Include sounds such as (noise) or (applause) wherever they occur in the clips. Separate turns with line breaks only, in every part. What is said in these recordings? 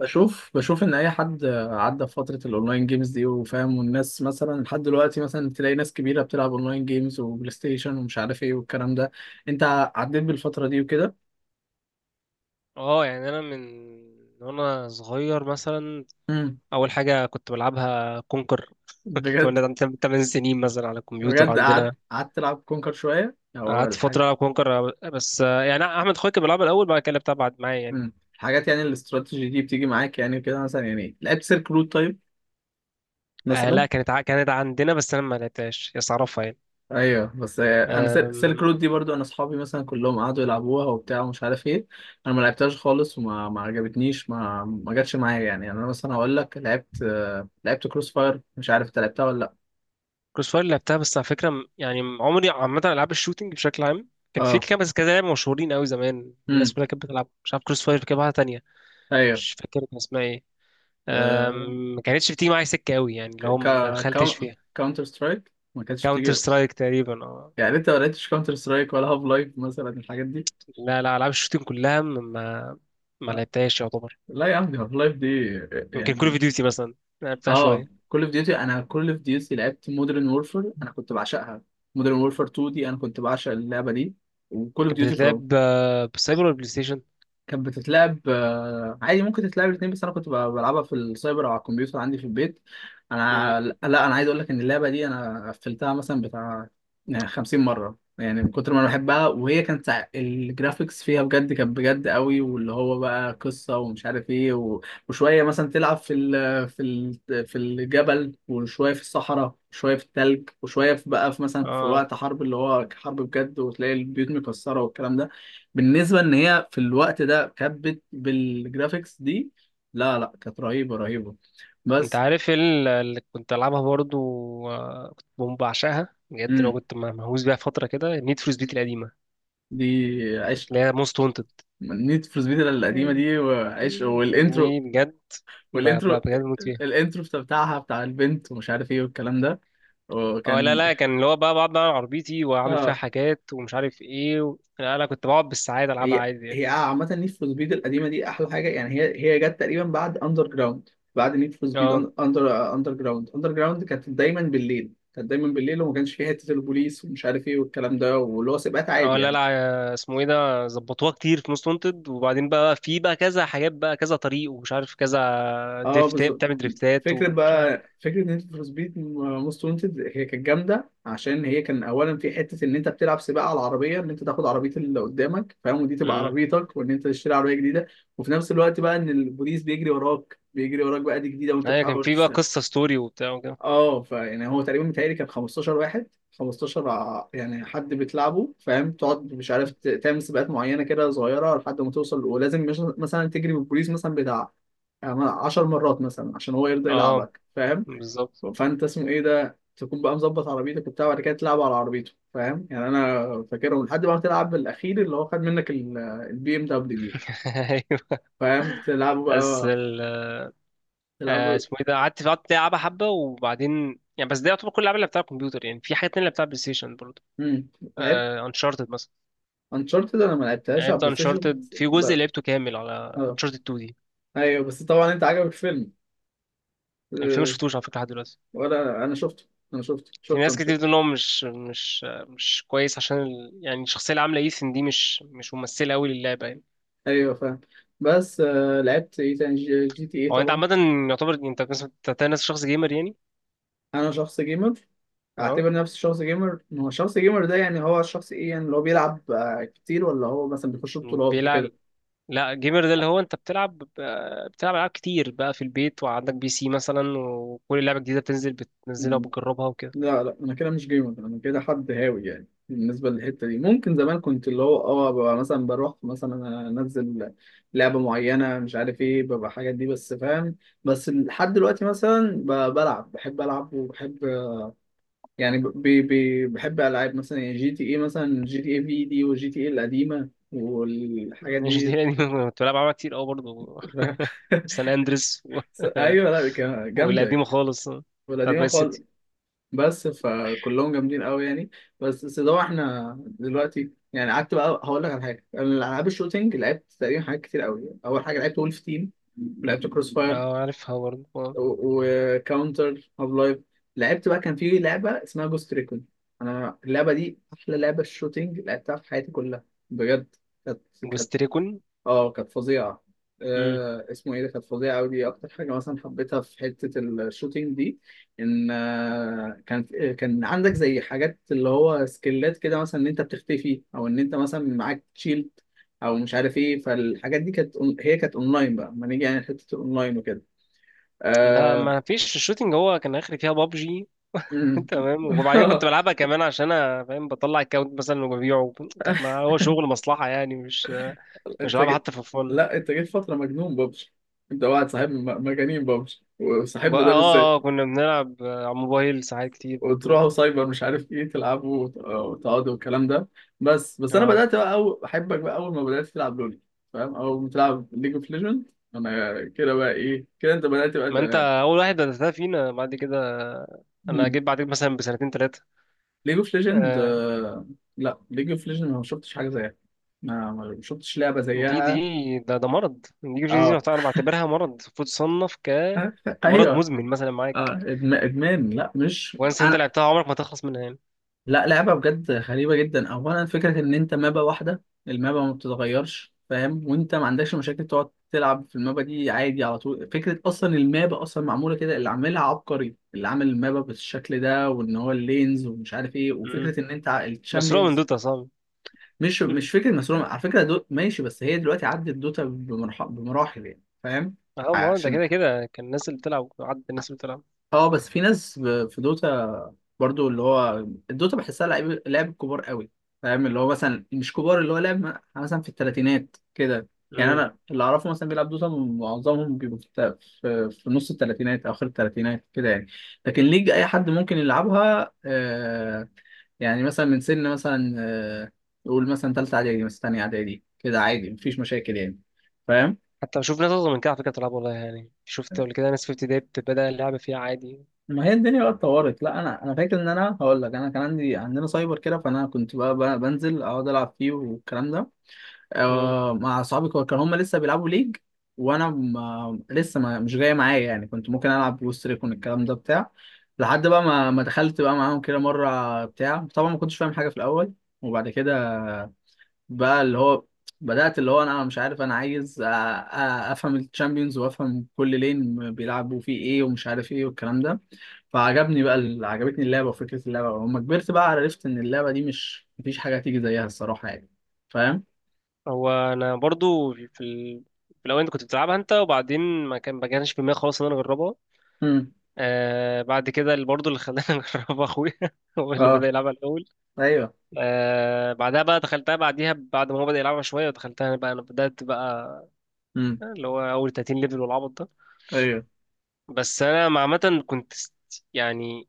بشوف ان اي حد عدى في فتره الاونلاين جيمز دي وفاهم، والناس مثلا لحد دلوقتي مثلا تلاقي ناس كبيره بتلعب اونلاين جيمز وبلاي ستيشن ومش عارف ايه والكلام ده. انت عديت بالفتره دي وكده؟
اه، يعني انا من وانا صغير مثلا
امم
اول حاجه كنت بلعبها كونكر. (laughs)
بجد؟
وانا عندي 8 سنين مثلا على الكمبيوتر
بجد قعدت
عندنا.
قعدت تلعب كونكر شويه او
قعدت فتره
الحاجه؟
العب كونكر، بس يعني احمد اخويا كان بيلعبها الاول، بعد كده لعبتها بعد معايا يعني.
الحاجات يعني الاستراتيجي دي بتيجي معاك يعني كده مثلا؟ يعني لعبت سيرك رود طيب
آه
مثلا؟
لا، كانت عندنا بس انا ما لعبتهاش، بس اعرفها يعني.
ايوه، بس انا سيلك رود دي برضو انا اصحابي مثلا كلهم قعدوا يلعبوها وبتاع ومش عارف ايه. انا ما لعبتهاش خالص، وما ما عجبتنيش، ما جاتش معايا يعني. يعني انا مثلا هقول لك لعبت لعبت كروس فاير، مش عارف انت لعبتها ولا لا.
كروس فاير لعبتها، بس على فكره يعني عمري عامه العاب الشوتينج بشكل عام كان في
اه.
كام بس كذا لعبه مشهورين قوي زمان، الناس
امم.
كلها كانت بتلعب، مش عارف كروس فاير كده واحده تانيه،
ايوه.
مش فاكر كان اسمها ايه.
آه،
ما كانتش بتيجي معايا سكه قوي، يعني
ك
اللي هو ما دخلتش
ك-
فيها.
كاونتر سترايك ما كانتش بتيجي؟
كاونتر سترايك تقريبا، اه.
يعني انت ما لعبتش كاونتر سترايك ولا هاف لايف مثلا الحاجات دي؟
لا لا، العاب الشوتينج كلها ما لعبتهاش يعتبر.
لا يا عم دي هاف لايف دي
يمكن
يعني.
كول اوف ديوتي مثلا، لعبتها
اه،
شويه.
كول اوف ديوتي، انا كول اوف ديوتي لعبت مودرن وورفير، انا كنت بعشقها. مودرن وورفير 2 دي انا كنت بعشق اللعبه دي، وكول اوف
كانت
ديوتي
بتتلعب بالسايبر ولا بلاي ستيشن؟
كانت بتتلعب. عادي ممكن تتلعب الاثنين، بس انا كنت بلعبها في السايبر او على الكمبيوتر عندي في البيت.
مم.
انا، لا انا عايز اقول لك ان اللعبه دي انا قفلتها مثلا بتاع يعني 50 مره، يعني من كتر ما انا بحبها. وهي كانت الجرافيكس فيها بجد كانت بجد قوي، واللي هو بقى قصه ومش عارف ايه و وشويه مثلا تلعب في الجبل، وشويه في الصحراء، وشويه في التلج، وشويه في بقى في مثلا في
اه،
وقت حرب، اللي هو حرب بجد، وتلاقي البيوت مكسره والكلام ده. بالنسبه ان هي في الوقت ده كانت بالجرافيكس دي، لا لا كانت رهيبه رهيبه.
انت
بس
عارف اللي كنت العبها برضو، كنت بقوم بعشقها بجد لو
امم
كنت مهووس بيها فتره كده، نيد فور سبيد القديمه
دي عشق.
اللي هي موست وانتد
نيد فور سبيد القديمه
دي،
دي، وعشق والانترو،
بجد
والانترو،
بجد بموت فيها.
الانترو بتاعها بتاع البنت ومش عارف ايه والكلام ده.
اه لا
وكان،
لا، كان اللي هو بقى بقعد بقى على عربيتي واعمل فيها
اه
حاجات ومش عارف ايه و لا لا كنت بقعد بالساعات العبها
هي
عادي يعني.
هي عامة نيد فور سبيد القديمة دي أحلى حاجة يعني. هي جت تقريبا بعد أندر جراوند. بعد نيد فور سبيد
اه
أندر جراوند، أندر جراوند كانت دايما بالليل، كانت دايما بالليل، وما كانش فيها حتة البوليس ومش عارف إيه والكلام ده، واللي هو سباقات عادي
اه، لا
يعني.
لا، اسمه ايه ده، ظبطوها كتير في موست وانتد، وبعدين بقى في بقى كذا حاجات بقى كذا طريق ومش عارف كذا،
أه
دريفتات
بالظبط.
بتعمل دريفتات
فكرة
ومش عارف.
بقى، فكرة نيد فور سبيد موست وانتد هي كانت جامدة عشان هي كان أولا في حتة إن أنت بتلعب سباق على العربية، إن أنت تاخد عربية اللي قدامك فاهم، ودي تبقى
امم
عربيتك، وإن أنت تشتري عربية جديدة. وفي نفس الوقت بقى إن البوليس بيجري وراك، بيجري وراك بقى دي جديدة، وأنت
ايوه، كان
بتحاول.
في بقى قصة ستوري وبتاع وكده.
اه، فيعني هو تقريبا متهيألي كان 15 واحد، 15 يعني حد بتلعبه فاهم، تقعد مش عارف تعمل سباقات معينه كده صغيره لحد ما توصل، ولازم مش مثلا تجري بالبوليس مثلا بتاع يعني 10 مرات مثلا عشان هو يرضى
اه
يلعبك فاهم.
بالظبط.
فانت اسمه ايه ده تكون بقى مظبط عربيتك وبتاع، وبعد كده تلعب على عربيته فاهم. يعني انا فاكرهم لحد ما تلعب بالاخير اللي هو خد منك البي ام دبليو دي،
(laughs) ايوه.
فاهم؟ تلعبوا
بس
بقى،
ال
تلعبوا.
اسمه ايه ده، قعدت العبها حبه وبعدين يعني، بس ده يعتبر كل الالعاب اللي بتاع الكمبيوتر، يعني في حاجات تانية اللي بتاع بلاي ستيشن برضه.
امم. لعبت
انشارتد،
انشارتد، انا ما لعبتهاش على
لعبت
بلاي ستيشن
انشارتد في جزء
بقى.
لعبته كامل على انشارتد 2 دي.
ايوه بس طبعا انت عجبك الفيلم؟
الفيلم ما
أه،
شفتوش على فكره لحد دلوقتي.
ولا انا شفته، انا شفته،
في
شفته
ناس
انا
كتير بتقول
شفته
ان هو مش كويس، عشان يعني الشخصيه اللي عامله ايثن دي مش ممثله قوي للعبه يعني.
ايوه فاهم. بس لعبت ايه تاني؟ جي تي ايه
هو انت
طبعا.
عامه، يعتبر انت مثلا بتتنس شخص جيمر يعني؟
انا شخص جيمر،
اه
اعتبر نفسي شخص جيمر. ما هو الشخص جيمر ده يعني هو الشخص ايه يعني؟ اللي هو بيلعب كتير، ولا هو مثلا بيخش بطولات
بيلعب. لا، جيمر ده اللي هو انت بتلعب، بتلعب العاب كتير بقى في البيت، وعندك بي سي مثلا، وكل لعبه جديده بتنزل بتنزلها
وكده؟
وبتجربها وكده.
لا لا انا كده مش جيمر، انا كده حد هاوي يعني. بالنسبه للحته دي ممكن زمان كنت اللي هو اه ببقى مثلا بروح مثلا انزل لعبه معينه مش عارف ايه، ببقى الحاجات دي بس، فاهم. بس لحد دلوقتي مثلا بلعب، بحب العب وبحب يعني ب بحب العاب مثلا يعني جي تي اي، مثلا جي تي اي في دي وجي تي اي القديمه والحاجات
مش دي
دي.
يعني، (laughs) كنت بلعب العاب كتير قوي
(laughs)
برضه.
فاهم؟
سان اندريس و
ايوه لا
(laughs) والقديمة
جامده،
خالص، بتاعت
والقديمه
باي
خالص.
سيتي.
بس فكلهم جامدين قوي يعني. بس سيدو احنا دلوقتي يعني قعدت بقى هقول لك على حاجه. انا العاب الشوتينج لعبت تقريبا حاجات كتير قوي. اول حاجه لعبت وولف تيم، ولعبت كروس فاير،
اه عارفها برضه.
وكاونتر هاف لايف، لعبت بقى كان في لعبه اسمها جوست ريكون. انا اللعبه دي احلى لعبه شوتينج لعبتها في حياتي كلها، بجد. كانت كانت
جوست ريكون.
اه كانت فظيعة.
مم.
آه اسمه ايه ده كانت فظيعة أوي. دي أكتر حاجة مثلا حبيتها في حتة الشوتينج دي. إن آه كانت كان عندك زي حاجات اللي هو سكيلات كده، مثلا إن أنت بتختفي، أو إن أنت مثلا معاك شيلد، أو مش عارف ايه. فالحاجات دي كانت هي كانت أونلاين بقى، ما نيجي يعني حتة الأونلاين وكده.
لا
آه...
ما فيش الشوتينج، هو كان اخري فيها بابجي. (laughs)
مم.
تمام وبعدين كنت
(laughs)
بلعبها كمان عشان انا فاهم بطلع الكاونت مثلا وببيعه، كانت ما هو شغل مصلحة يعني، مش
انت
بلعبها
جي-
حتى في فن.
لا انت جيت فترة مجنون ببجي. انت واحد صاحبنا مجانين ببجي، وصاحبنا
بقى
ده
اه،
بالذات.
كنا بنلعب على الموبايل ساعات كتير
وتروحوا
برضو.
سايبر مش عارف ايه تلعبوا وتقعدوا والكلام ده. بس، بس انا
اه،
بدات بقى أو احبك بقى اول ما بدات تلعب لول، فاهم، او بتلعب ليج اوف ليجند. انا كده بقى ايه، كده انت بدات بقى
ما انت اول واحد بدأتها فينا بعد كده، انا
مم.
جيت بعدك مثلا بسنتين
ليج اوف ليجند
ثلاثة.
لا ليج اوف ليجند ما شفتش حاجه زيها، ما شفتش لعبه
دي دي
زيها.
ده ده مرض النيوروجينيزي،
اه.
أنا بعتبرها مرض المفروض تصنف
(laughs)
كمرض
ايوه.
مزمن مثلا
اه
معاك،
ادمان، لا مش
وانس انت
انا،
لعبتها عمرك ما تخلص منها يعني.
لا. لعبة بجد غريبة جدا. أولا فكرة إن أنت مابا واحدة، المابا ما بتتغيرش، فاهم، وأنت ما عندكش مشاكل تقعد تلعب في المابا دي عادي على طول. فكرة أصلا المابا أصلا معمولة كده، اللي عاملها عبقري، اللي عامل المابا بالشكل ده، وإن هو اللينز ومش عارف إيه،
امم
وفكرة إن أنت
مسروقة من
الشامبيونز.
دوتا صعب.
مش
مم.
مش فكرة مسروقة على فكرة، ماشي، بس هي دلوقتي عدت دوتا بمراحل يعني، فاهم.
اهو، ما هو ده
عشان
كده كده كان الناس اللي بتلعب عدد الناس اللي بتلعب.
اه بس في ناس في دوتا، برضو اللي هو الدوتا بحسها لعيب لعب كبار قوي، فاهم اللي هو مثلا مش كبار، اللي هو لعب مثلا في الثلاثينات كده. يعني
امم
انا اللي اعرفه مثلا بيلعب دوتا معظمهم بيبقوا في في نص الثلاثينات، اخر الثلاثينات كده يعني. لكن ليج اي حد ممكن يلعبها. يعني مثلا من سن مثلا نقول مثلا ثالثه اعدادي، مثلا ثانيه اعدادي كده عادي، مفيش مشاكل يعني، فاهم.
حتى بشوف ناس اصغر من كده على فكرة بتلعب، والله يعني شفت قبل كده ناس في ابتدائي بتبدأ اللعبة فيها عادي.
ما هي الدنيا بقى اتطورت. لا انا فاكر ان انا هقول لك انا كان عندي، عندنا سايبر كده، فانا كنت بقى بنزل اقعد العب فيه والكلام ده.
امم
آه مع اصحابي كانوا هم لسه بيلعبوا ليج، وانا ما لسه ما مش جاي معايا يعني. كنت ممكن العب بوست ريكون الكلام ده بتاع، لحد بقى ما دخلت بقى معاهم كده مره بتاع، طبعا ما كنتش فاهم حاجه في الاول. وبعد كده بقى اللي هو بدأت اللي هو انا مش عارف انا عايز افهم الشامبيونز وافهم كل لين بيلعبوا فيه ايه ومش عارف ايه والكلام ده. فعجبني بقى عجبتني اللعبة وفكرة اللعبة. ولما كبرت بقى عرفت إن اللعبة دي مش، مفيش حاجة تيجي زيها الصراحة يعني، فاهم؟
هو انا برضو في في الاول انت كنت بتلعبها انت، وبعدين ما كانش في دماغي خالص ان انا اجربها.
امم.
بعد كده اللي برضه اللي خلاني (laughs) اجربها اخويا، هو اللي
اه.
بدأ يلعبها الاول.
ايوه.
بعدها بقى دخلتها بعديها، بعد ما هو بدأ يلعبها شوية دخلتها أنا بقى، أنا بدأت بقى
امم.
اللي هو أول 30 ليفل والعبط ده.
ايوه.
بس أنا عامة كنت يعني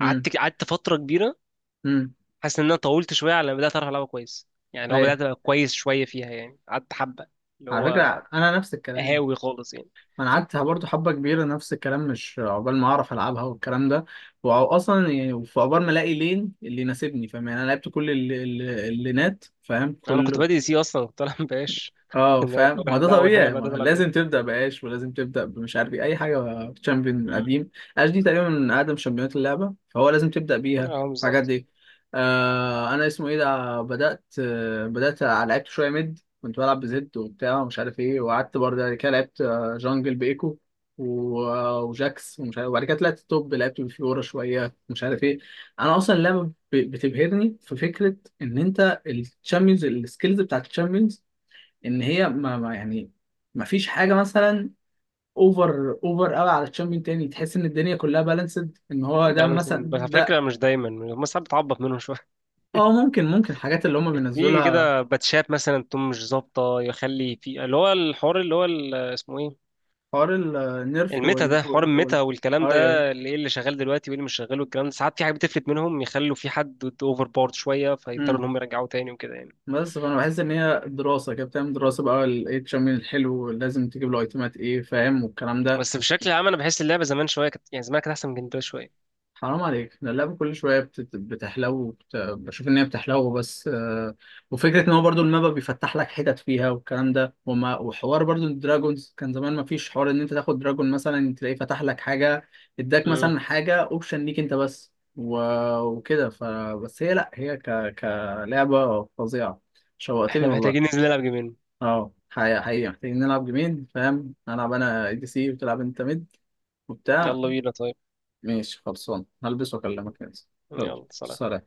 امم.
قعدت فترة كبيرة،
امم.
حاسس إن أنا طولت شوية على ما بدأت أعرف ألعبها كويس يعني، هو
ايوه.
بدأت أبقى كويس شوية فيها يعني قعدت حبة، اللي
على
هو
فكرة أنا نفس الكلام،
هاوي خالص يعني.
أنا قعدت برضه حبة كبيرة نفس الكلام، مش عقبال ما أعرف ألعبها والكلام ده. وأصلا يعني في عقبال ما ألاقي لين اللي يناسبني، فاهم يعني أنا لعبت كل اللينات، فاهم،
أنا كنت
كل.
بادئ سي، أصلا كنت ألعب باش. (laughs)
اه
ده
فاهم، ما
أول
ده
ده أول حاجة
طبيعي، ما
بدأت ألعب بيها.
لازم تبدا باش، ولازم تبدا بمش عارف ايه اي حاجه تشامبيون
أمم.
قديم. اش دي تقريبا من اقدم شامبيونات اللعبه، فهو لازم تبدا بيها
اه
الحاجات
بالظبط.
دي. انا اسمه ايه ده بدات بدات لعبت شويه ميد، كنت بلعب بزد وبتاع ومش عارف ايه، وقعدت برضه بعد كده لعبت جانجل بايكو و- آه، وجاكس ومش عارف. وبعد كده طلعت توب، لعبت بفيورا شويه مش عارف ايه. انا اصلا اللعبه بتبهرني في فكره ان انت الشامبيونز، السكيلز بتاعت الشامبيونز، ان هي يعني ما فيش حاجه مثلا اوفر قوي على تشامبيون تاني تحس ان الدنيا كلها بالانسد، ان هو ده
بالانس،
مثلا
بس على فكرة
ده.
مش دايما، بس ساعات بتعبط منهم شوية،
اه ممكن، ممكن الحاجات اللي هم
في
بينزلها،
كده باتشات مثلا تكون مش ظابطه يخلي في اللي هو الحوار اللي هو اسمه ايه،
حوار النيرف
الميتا ده، حوار الميتا والكلام
اي اي.
ده، اللي ايه اللي شغال دلوقتي وايه اللي مش شغال والكلام ده، ساعات في حاجات بتفلت منهم يخلوا في حد اوفر بورد شويه فيضطروا ان
امم.
هم يرجعوه تاني وكده يعني.
بس فانا بحس ان هي دراسه كده، بتعمل دراسه بقى ايه التشامبيون الحلو لازم تجيب له ايتمات ايه، فاهم، والكلام ده.
بس بشكل عام انا بحس اللعبه زمان شويه كانت، يعني زمان كانت احسن من كده شويه.
حرام عليك، ده اللعبة كل شوية بتحلو بشوف إن هي بتحلو، بس وفكرة إن هو برضو الماب بيفتح لك حتت فيها والكلام ده، وحوار برضو الدراجونز، كان زمان ما فيش حوار إن أنت تاخد دراجون مثلا تلاقيه فتح لك حاجة، إداك
امم
مثلا حاجة أوبشن ليك أنت بس، وكده بس هي لأ هي كلعبة فظيعة. شوقتني
احنا محتاجين
والله.
ننزل نلعب جيمين.
أه حقيقة، حقيقة محتاجين نلعب جيمين، فاهم، ألعب أنا دي سي وتلعب أنت ميد وبتاع.
يلا بينا طيب.
ماشي خلصان، هلبس واكلمك يا زين. يلا
يلا سلام.
سلام.